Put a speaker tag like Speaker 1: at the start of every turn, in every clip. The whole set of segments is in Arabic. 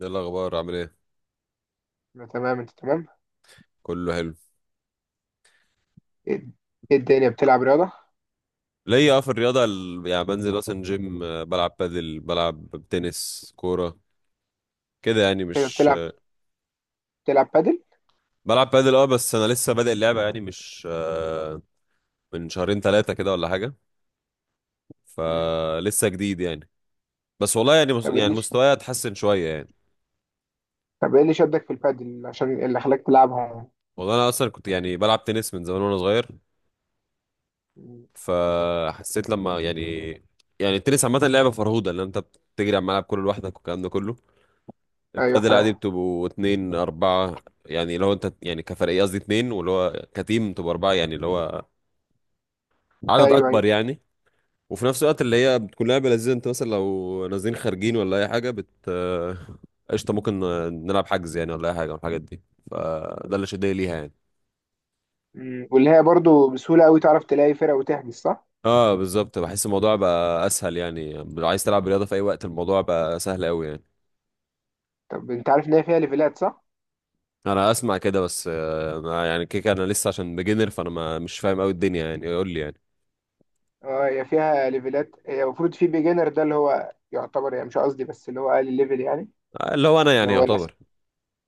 Speaker 1: ايه الاخبار؟ عامل ايه؟
Speaker 2: أنا تمام، انت تمام؟
Speaker 1: كله حلو.
Speaker 2: ايه إيه الدنيا بتلعب رياضة؟
Speaker 1: ليا في الرياضه، يعني بنزل مثلا جيم، بلعب بادل، بلعب تنس، كوره كده يعني.
Speaker 2: ايه ده،
Speaker 1: مش
Speaker 2: بتلعب بتلعب بادل؟
Speaker 1: بلعب بادل. اه، بس انا لسه بادئ اللعبه يعني، مش من شهرين ثلاثه كده ولا حاجه.
Speaker 2: مم.
Speaker 1: فلسه جديد يعني. بس والله يعني،
Speaker 2: طب ايه
Speaker 1: يعني
Speaker 2: اللي ش-
Speaker 1: مستواي اتحسن شويه يعني.
Speaker 2: طب ايه اللي شدك في البادل عشان اللي خلاك تلعبها؟
Speaker 1: والله انا اصلا كنت يعني بلعب تنس من زمان وانا صغير.
Speaker 2: مم.
Speaker 1: فحسيت لما يعني التنس عامه لعبه فرهوده، ان انت بتجري على الملعب كله لوحدك والكلام ده كله.
Speaker 2: ايوه
Speaker 1: البادل عادي
Speaker 2: فاهم.
Speaker 1: بتبقوا اتنين أربعة، يعني لو أنت يعني كفريق، قصدي اتنين، واللي هو كتيم تبقوا أربعة، يعني اللي هو عدد
Speaker 2: ايوه
Speaker 1: أكبر
Speaker 2: ايوه.
Speaker 1: يعني. وفي نفس الوقت اللي هي بتكون لعبة لذيذة، أنت مثلا لو نازلين خارجين ولا أي حاجة بت آه، قشطة، ممكن نلعب حجز يعني ولا أي حاجة من الحاجات دي. فده اللي شدني ليها يعني.
Speaker 2: مم. واللي هي برضو بسهولة قوي تعرف تلاقي فرقة وتحجز، صح؟
Speaker 1: اه بالظبط، بحس الموضوع بقى اسهل، يعني لو عايز تلعب رياضه في اي وقت الموضوع بقى سهل قوي يعني.
Speaker 2: طب انت عارف ان هي فيها ليفلات، صح؟
Speaker 1: انا اسمع كده، بس ما يعني كيك، انا لسه عشان بيجنر، فانا ما مش فاهم قوي الدنيا يعني، يقول لي يعني.
Speaker 2: اه، هي فيها ليفلات. هي المفروض في بيجنر، ده اللي هو يعتبر، يعني مش قصدي، بس اللي هو اقل ليفل يعني.
Speaker 1: اللي هو انا
Speaker 2: اللي
Speaker 1: يعني
Speaker 2: هو الناس
Speaker 1: يعتبر.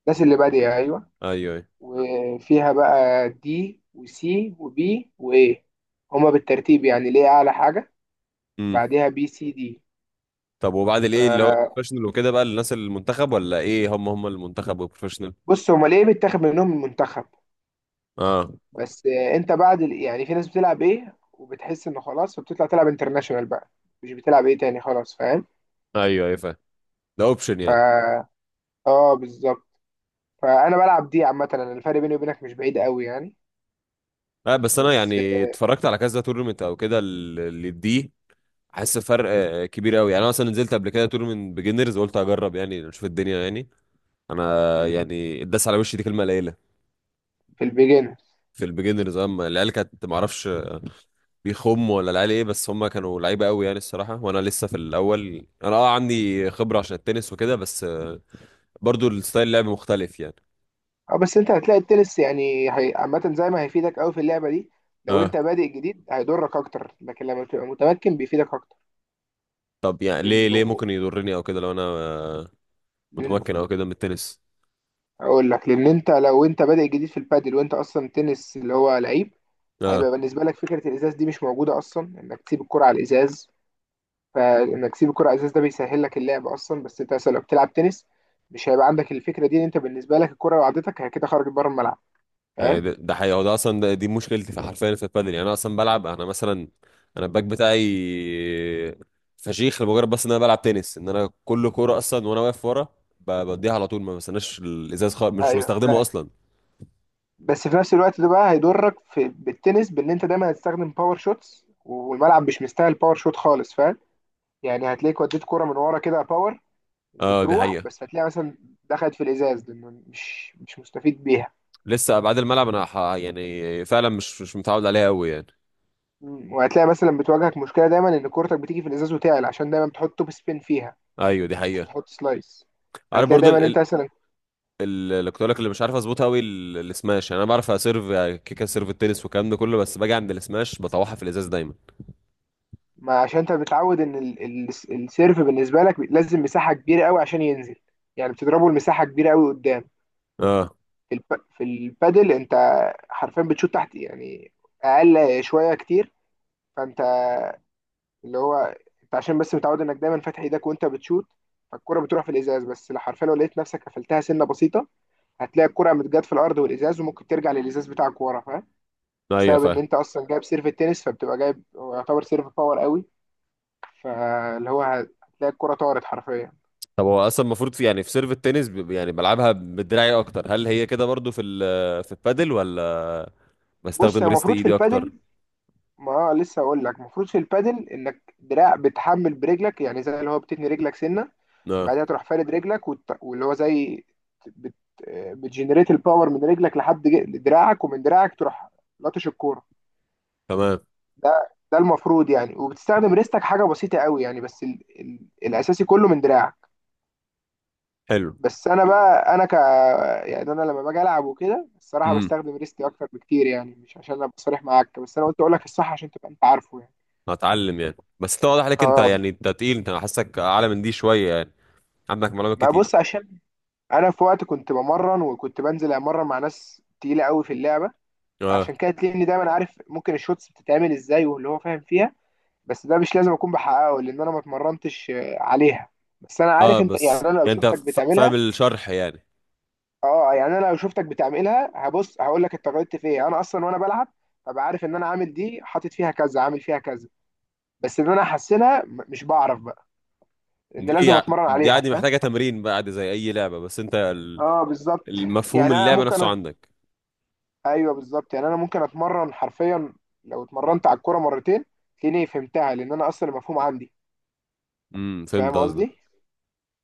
Speaker 2: الناس اللي بادئة، ايوه.
Speaker 1: ايوه، ايوه.
Speaker 2: وفيها بقى دي وسي وبي وايه؟ هما بالترتيب يعني، ليه اعلى حاجه؟
Speaker 1: امم.
Speaker 2: بعدها بي سي دي.
Speaker 1: طب وبعد الايه، اللي هو
Speaker 2: ف-
Speaker 1: بروفيشنال وكده بقى للناس المنتخب، ولا ايه؟ هم هم المنتخب والبروفيشنال.
Speaker 2: بص، هما ليه بيتاخد منهم المنتخب.
Speaker 1: اه.
Speaker 2: بس، انت بعد يعني في ناس بتلعب ايه وبتحس انه خلاص، فبتطلع تلعب انترناشونال بقى. مش بتلعب ايه تاني، خلاص. فاهم؟
Speaker 1: ايوه، ايوه فاهم. ده اوبشن
Speaker 2: ف
Speaker 1: يعني.
Speaker 2: اه، بالظبط. فانا بلعب دي عامه. انا الفرق بيني وبينك مش بعيد قوي يعني.
Speaker 1: لا، بس انا
Speaker 2: بس،
Speaker 1: يعني اتفرجت على كذا تورنمنت او كده اللي دي. حاسس فرق كبير قوي يعني. انا مثلا نزلت قبل كده تورنمنت بيجنرز، قلت اجرب يعني اشوف الدنيا يعني. انا
Speaker 2: مم،
Speaker 1: يعني اتداس على وشي، دي كلمه قليله.
Speaker 2: في البيجنر.
Speaker 1: في البيجنرز، اما العيال كانت ما اعرفش بيخموا ولا العيال ايه، بس هم كانوا لعيبه قوي يعني الصراحه، وانا لسه في الاول. انا اه عندي خبره عشان التنس وكده، بس برضو الستايل اللعب مختلف يعني.
Speaker 2: اه، بس انت هتلاقي التنس يعني عامة، زي ما هيفيدك قوي في اللعبة دي. لو
Speaker 1: اه.
Speaker 2: انت بادئ جديد هيضرك اكتر، لكن لما بتبقى متمكن بيفيدك اكتر.
Speaker 1: طب يعني، ليه
Speaker 2: لانه
Speaker 1: ممكن يضرني او كده لو انا
Speaker 2: لان
Speaker 1: متمكن او كده من التنس؟
Speaker 2: اقول لك، لان لو انت بادئ جديد في البادل وانت اصلا تنس اللي هو لعيب،
Speaker 1: اه.
Speaker 2: هيبقى بالنسبة لك فكرة الازاز دي مش موجودة اصلا، انك تسيب الكرة على الازاز. فانك تسيب الكرة على الازاز ده بيسهل لك اللعب اصلا. بس انت مثلا لو بتلعب تنس، مش هيبقى عندك الفكرة دي، ان انت بالنسبة لك الكرة لو عدتك هي كده خرجت بره الملعب.
Speaker 1: هي
Speaker 2: فاهم؟
Speaker 1: ده حقيقة. هو ده اصلا، ده دي مشكلتي في، حرفيا في البادل، يعني انا اصلا بلعب. انا مثلا انا الباك بتاعي فشيخ، لمجرد بس ان انا بلعب تنس، ان انا كل كورة اصلا وانا واقف ورا بديها على طول، ما بستناش الازاز خالص، مش
Speaker 2: ايوه،
Speaker 1: بستخدمه اصلا.
Speaker 2: بس في نفس الوقت ده بقى هيضرك في بالتنس، بان انت دايما هتستخدم باور شوتس والملعب مش مستاهل باور شوت خالص. فاهم؟ يعني هتلاقيك وديت كرة من ورا كده باور،
Speaker 1: اه دي
Speaker 2: وتروح
Speaker 1: حقيقة.
Speaker 2: بس هتلاقي مثلا دخلت في الازاز، لانه مش مستفيد بيها.
Speaker 1: لسه ابعاد الملعب انا يعني فعلا مش متعود عليها قوي يعني.
Speaker 2: مم. وهتلاقي مثلا بتواجهك مشكله دايما، ان كورتك بتيجي في الازاز وتعلى، عشان دايما بتحط توب سبين فيها.
Speaker 1: ايوه، دي
Speaker 2: مش
Speaker 1: حقيقة.
Speaker 2: بتحط سلايس.
Speaker 1: عارف
Speaker 2: هتلاقي
Speaker 1: برضو،
Speaker 2: دايما انت مثلا.
Speaker 1: اللي كنت اقول لك اللي مش عارف اظبطها قوي، السماش. يعني انا بعرف اسيرف يعني، كيكه سيرف التنس والكلام ده كله، بس باجي عند السماش بطوحها في الازاز دايما.
Speaker 2: ما عشان انت متعود ان السيرف بالنسبه لك لازم مساحه كبيره قوي عشان ينزل. يعني بتضربه المساحه كبيره قوي قدام.
Speaker 1: اه
Speaker 2: في الب... في البادل انت حرفيا بتشوط تحت يعني، اقل شويه كتير. فانت اللي هو انت عشان بس متعود انك دايما فاتح ايدك وانت بتشوت، فالكرة بتروح في الازاز. بس لو حرفيا، لو لقيت نفسك قفلتها سنه بسيطه، هتلاقي الكرة متجات في الارض والازاز، وممكن ترجع للازاز بتاعك ورا. فاهم؟
Speaker 1: ايوه
Speaker 2: بسبب ان
Speaker 1: فاهم.
Speaker 2: انت اصلا جايب سيرف التنس، فبتبقى جايب هو يعتبر سيرف باور قوي. فاللي هو هتلاقي الكرة طارت حرفيا.
Speaker 1: طب هو اصلا المفروض في يعني، في سيرف التنس يعني بلعبها بدراعي اكتر، هل هي كده برضو في في البادل، ولا
Speaker 2: بص، هي
Speaker 1: بستخدم ريست
Speaker 2: المفروض في
Speaker 1: ايدي اكتر؟
Speaker 2: البادل، ما لسه اقول لك المفروض في البادل، انك دراع بتحمل برجلك، يعني زي اللي هو بتتني رجلك سنه،
Speaker 1: اه
Speaker 2: بعدها تروح فارد رجلك واللي هو زي بت... بتجنريت الباور من رجلك لحد دراعك، ومن دراعك تروح لطش الكوره.
Speaker 1: تمام.
Speaker 2: ده المفروض يعني، وبتستخدم ريستك حاجه بسيطه قوي يعني، بس الاساسي كله من دراعك.
Speaker 1: حلو.
Speaker 2: بس انا بقى انا ك يعني انا لما باجي العب وكده الصراحه،
Speaker 1: امم.
Speaker 2: بستخدم ريستي اكتر بكتير. يعني مش عشان ابقى صريح معاك، بس انا قلت اقول لك الصح عشان تبقى انت عارفه يعني.
Speaker 1: هتعلم يعني، بس انت واضح عليك، انت
Speaker 2: اه،
Speaker 1: يعني انت تقيل. أنا حاسك اعلى من دي شويه يعني، عندك معلومات
Speaker 2: ما
Speaker 1: كتير.
Speaker 2: بص، عشان انا في وقت كنت بمرن، وكنت بنزل امرن مع ناس تقيله قوي في اللعبه.
Speaker 1: اه،
Speaker 2: عشان كده تلاقيني دايما عارف ممكن الشوتس بتتعمل ازاي واللي هو فاهم فيها. بس ده مش لازم اكون بحققه، لان انا ما اتمرنتش عليها. بس انا
Speaker 1: اه.
Speaker 2: عارف انت، يعني
Speaker 1: بس
Speaker 2: انا لو
Speaker 1: يعني انت
Speaker 2: شفتك
Speaker 1: فاهم
Speaker 2: بتعملها.
Speaker 1: الشرح يعني.
Speaker 2: اه، يعني انا لو شفتك بتعملها هبص هقول لك انت غلطت في ايه. انا اصلا وانا بلعب، ببقى عارف ان انا عامل دي، حاطط فيها كذا، عامل فيها كذا. بس ان انا احسنها، مش بعرف بقى. لان لازم اتمرن
Speaker 1: دي
Speaker 2: عليها.
Speaker 1: عادي،
Speaker 2: فاهم؟
Speaker 1: محتاجة تمرين بقى عادي زي أي لعبة، بس أنت
Speaker 2: اه، بالظبط.
Speaker 1: المفهوم
Speaker 2: يعني
Speaker 1: اللعبة نفسه عندك.
Speaker 2: ايوه بالظبط، يعني انا ممكن اتمرن حرفيا، لو اتمرنت على الكوره مرتين تلاقيني فهمتها، لان انا اصلا المفهوم عندي.
Speaker 1: فهمت
Speaker 2: فاهم
Speaker 1: قصدك.
Speaker 2: قصدي؟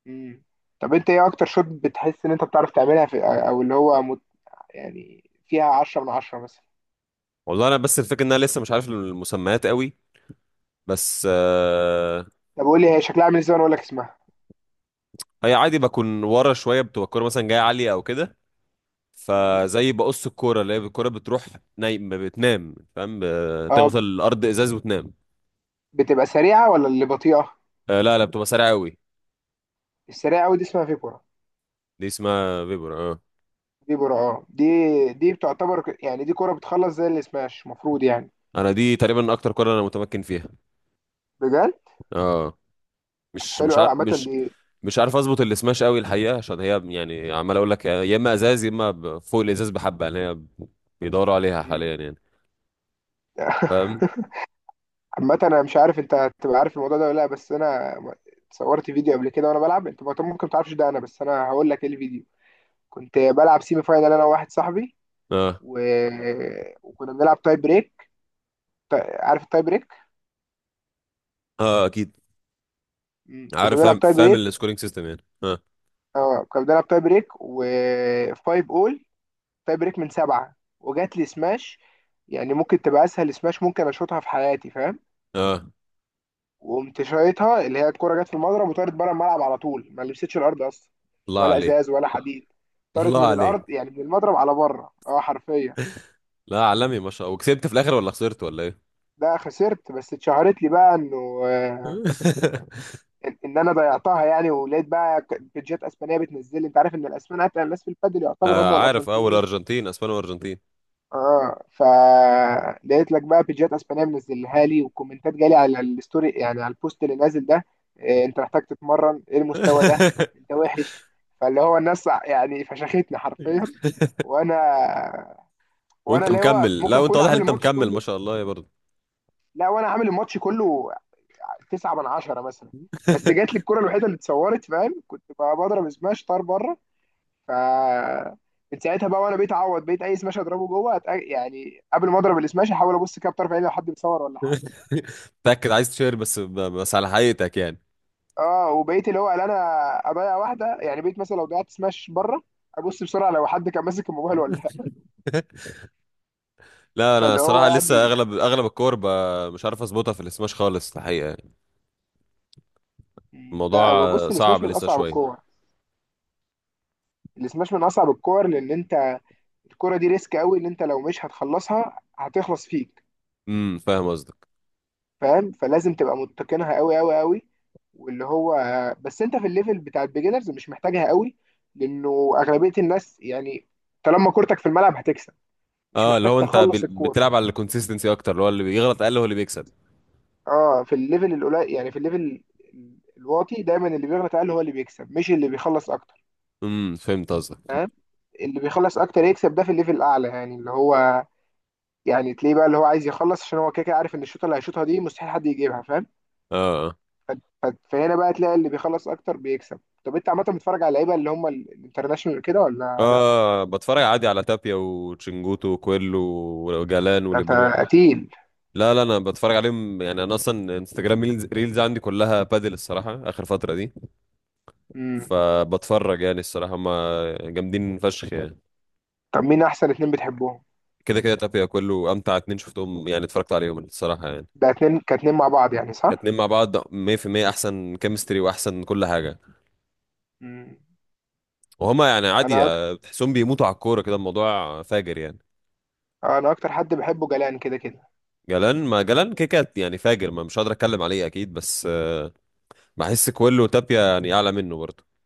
Speaker 2: امم. طب انت ايه اكتر شوت بتحس ان انت بتعرف تعملها في، او اللي هو يعني فيها 10/10 مثلا؟
Speaker 1: والله أنا بس الفكرة إن أنا لسه مش عارف المسميات قوي، بس
Speaker 2: طب قول لي هي شكلها عامل ازاي وانا اقول لك اسمها.
Speaker 1: هي عادي بكون ورا شوية، بتبقى الكورة مثلا جاية عالية أو كده،
Speaker 2: امم.
Speaker 1: فزي بقص الكورة اللي هي الكورة بتروح نايم، بتنام فاهم، تخبط
Speaker 2: اه،
Speaker 1: الأرض إزاز وتنام.
Speaker 2: بتبقى سريعة ولا اللي بطيئة؟
Speaker 1: لا، لا، بتبقى سريعة قوي.
Speaker 2: السريعة قوي دي اسمها فيبورا.
Speaker 1: دي اسمها فيبر، اه.
Speaker 2: فيبورا، اه. دي بتعتبر يعني دي كرة بتخلص زي السماش المفروض يعني.
Speaker 1: أنا دي تقريبا أكتر كورة أنا متمكن فيها.
Speaker 2: بجد؟
Speaker 1: اه.
Speaker 2: طب
Speaker 1: مش
Speaker 2: حلو
Speaker 1: مش
Speaker 2: قوي
Speaker 1: عارف،
Speaker 2: عامة
Speaker 1: مش
Speaker 2: دي.
Speaker 1: مش عارف اظبط السماش قوي الحقيقه، عشان هي يعني عمال اقول لك يا اما ازاز، يا اما فوق الازاز. بحبه يعني، هي بيدوروا عليها
Speaker 2: امم.
Speaker 1: حاليا يعني، فاهم.
Speaker 2: عامة انا مش عارف انت هتبقى عارف الموضوع ده ولا لا، بس انا صورت فيديو قبل كده وانا بلعب. انت ممكن ما تعرفش ده. انا بس هقول لك ايه الفيديو. كنت بلعب سيمي فاينال انا وواحد صاحبي.
Speaker 1: اه،
Speaker 2: و... وكنا بنلعب تاي بريك. عارف التاي بريك؟
Speaker 1: اه اكيد.
Speaker 2: مم. كنا
Speaker 1: عارف، فاهم
Speaker 2: بنلعب تاي
Speaker 1: فاهم
Speaker 2: بريك.
Speaker 1: السكورينج سيستم يعني، اه.
Speaker 2: اه، كنا بنلعب تاي بريك وفايف اول. تاي بريك من 7، وجات لي سماش. يعني ممكن تبقى اسهل سماش ممكن اشوطها في حياتي. فاهم؟
Speaker 1: اه.
Speaker 2: وقمت شايطها، اللي هي الكرة جت في المضرب وطارت بره الملعب على طول، ما لمستش الارض اصلا،
Speaker 1: الله
Speaker 2: ولا
Speaker 1: عليك.
Speaker 2: ازاز ولا حديد. طارت
Speaker 1: الله
Speaker 2: من
Speaker 1: عليك.
Speaker 2: الارض، يعني من المضرب على بره، اه حرفيا.
Speaker 1: لا عالمي ما شاء الله، وكسبت في الاخر ولا خسرت ولا ايه؟
Speaker 2: ده خسرت، بس اتشهرت لي بقى انه آه، ان انا ضيعتها يعني، ولقيت بقى بيجات اسبانيه بتنزل لي. انت عارف ان الاسبان اتقل الناس في البادل، يعتبر
Speaker 1: آه
Speaker 2: هم
Speaker 1: عارف، اول
Speaker 2: والارجنتينيين.
Speaker 1: ارجنتين، اسبانيا وارجنتين.
Speaker 2: اه، فلقيت لك بقى بيجات اسبانيه منزلها لي، وكومنتات جالي على الستوري، يعني على البوست اللي نازل ده. إيه انت محتاج تتمرن، ايه المستوى ده؟ انت وحش. فاللي هو الناس يعني فشختني حرفيا. وانا وانا
Speaker 1: وانت
Speaker 2: اللي هو
Speaker 1: مكمل؟
Speaker 2: ممكن
Speaker 1: لا، وانت
Speaker 2: اكون
Speaker 1: واضح ان
Speaker 2: عامل
Speaker 1: انت
Speaker 2: الماتش
Speaker 1: مكمل ما
Speaker 2: كله.
Speaker 1: شاء الله يا برضه.
Speaker 2: لا، وانا عامل الماتش كله، 9/10 مثلا. بس جات لي الكرة الوحيدة اللي اتصورت. فاهم؟ كنت بقى بضرب سماش طار بره. ف من ساعتها بقى، وانا بقيت اعوض، بقيت اي سماش اضربه جوه يعني قبل ما اضرب السماش احاول ابص كده بطرف عيني لو حد بيصور ولا حاجه.
Speaker 1: متاكد عايز تشير، بس على حقيقتك يعني.
Speaker 2: اه، وبقيت اللي هو، لا انا اضيع واحده. يعني بقيت مثلا لو ضيعت سماش بره، ابص بسرعه لو حد كان ماسك الموبايل ولا لا.
Speaker 1: لا انا
Speaker 2: فاللي هو
Speaker 1: صراحه لسه،
Speaker 2: يعني.
Speaker 1: اغلب اغلب الكور مش عارف اظبطها في السماش خالص الحقيقه يعني،
Speaker 2: لا،
Speaker 1: الموضوع
Speaker 2: هو بص،
Speaker 1: صعب
Speaker 2: السماش من
Speaker 1: لسه
Speaker 2: اصعب
Speaker 1: شويه.
Speaker 2: الكور. السماش من اصعب الكور، لان انت الكوره دي ريسك قوي. ان انت لو مش هتخلصها هتخلص فيك.
Speaker 1: فاهم قصدك.
Speaker 2: فاهم؟ فلازم تبقى متقنها قوي قوي قوي. واللي هو، بس انت في الليفل بتاع البيجنرز مش محتاجها قوي. لانه اغلبيه الناس يعني، طالما كورتك في الملعب هتكسب. مش
Speaker 1: اه، اللي
Speaker 2: محتاج
Speaker 1: هو انت
Speaker 2: تخلص الكوره.
Speaker 1: بتلعب على الكونسيستنسي اكتر، اللي هو اللي بيغلط اقل هو اللي بيكسب.
Speaker 2: اه، في الليفل القليل، يعني في الليفل الواطي دايما، اللي بيغلط اقل هو اللي بيكسب، مش اللي بيخلص اكتر.
Speaker 1: فهمت قصدك.
Speaker 2: فاهم؟ اللي بيخلص اكتر يكسب ده في الليفل الاعلى، يعني اللي هو، يعني تلاقيه بقى اللي هو عايز يخلص، عشان هو كده كده عارف ان الشوطه اللي هيشوطها دي مستحيل حد يجيبها. فاهم؟
Speaker 1: اه،
Speaker 2: ف- فهنا بقى تلاقي اللي بيخلص اكتر بيكسب. طب انت عامه بتتفرج على اللعيبه اللي هم الانترناشونال كده ولا لا؟
Speaker 1: اه، اه، بتفرج عادي على تابيا وتشنجوتو وكويلو وجالان
Speaker 2: ده انت
Speaker 1: وليبرون.
Speaker 2: قتيل.
Speaker 1: لا لا انا بتفرج عليهم يعني، انا اصلا انستجرام ريلز ريلز عندي كلها بادل الصراحه اخر فتره دي،
Speaker 2: امم.
Speaker 1: فبتفرج يعني الصراحه. هم جامدين فشخ يعني.
Speaker 2: طب مين احسن اتنين بتحبهم؟
Speaker 1: كده كده تابيا، كله امتع اتنين شفتهم يعني اتفرجت عليهم الصراحه يعني.
Speaker 2: ده اتنين كاتنين مع بعض يعني،
Speaker 1: كاتنين
Speaker 2: صح؟
Speaker 1: مع بعض 100% احسن كيمستري واحسن كل حاجه.
Speaker 2: امم.
Speaker 1: وهما يعني عادي
Speaker 2: انا أك...
Speaker 1: بتحسهم بيموتوا على الكوره كده، الموضوع فاجر يعني.
Speaker 2: انا اكتر حد بحبه جلان كده كده.
Speaker 1: جلان، ما جلان كيكات يعني فاجر، ما مش قادر اتكلم عليه اكيد، بس بحس كله تابيا يعني اعلى منه برضه.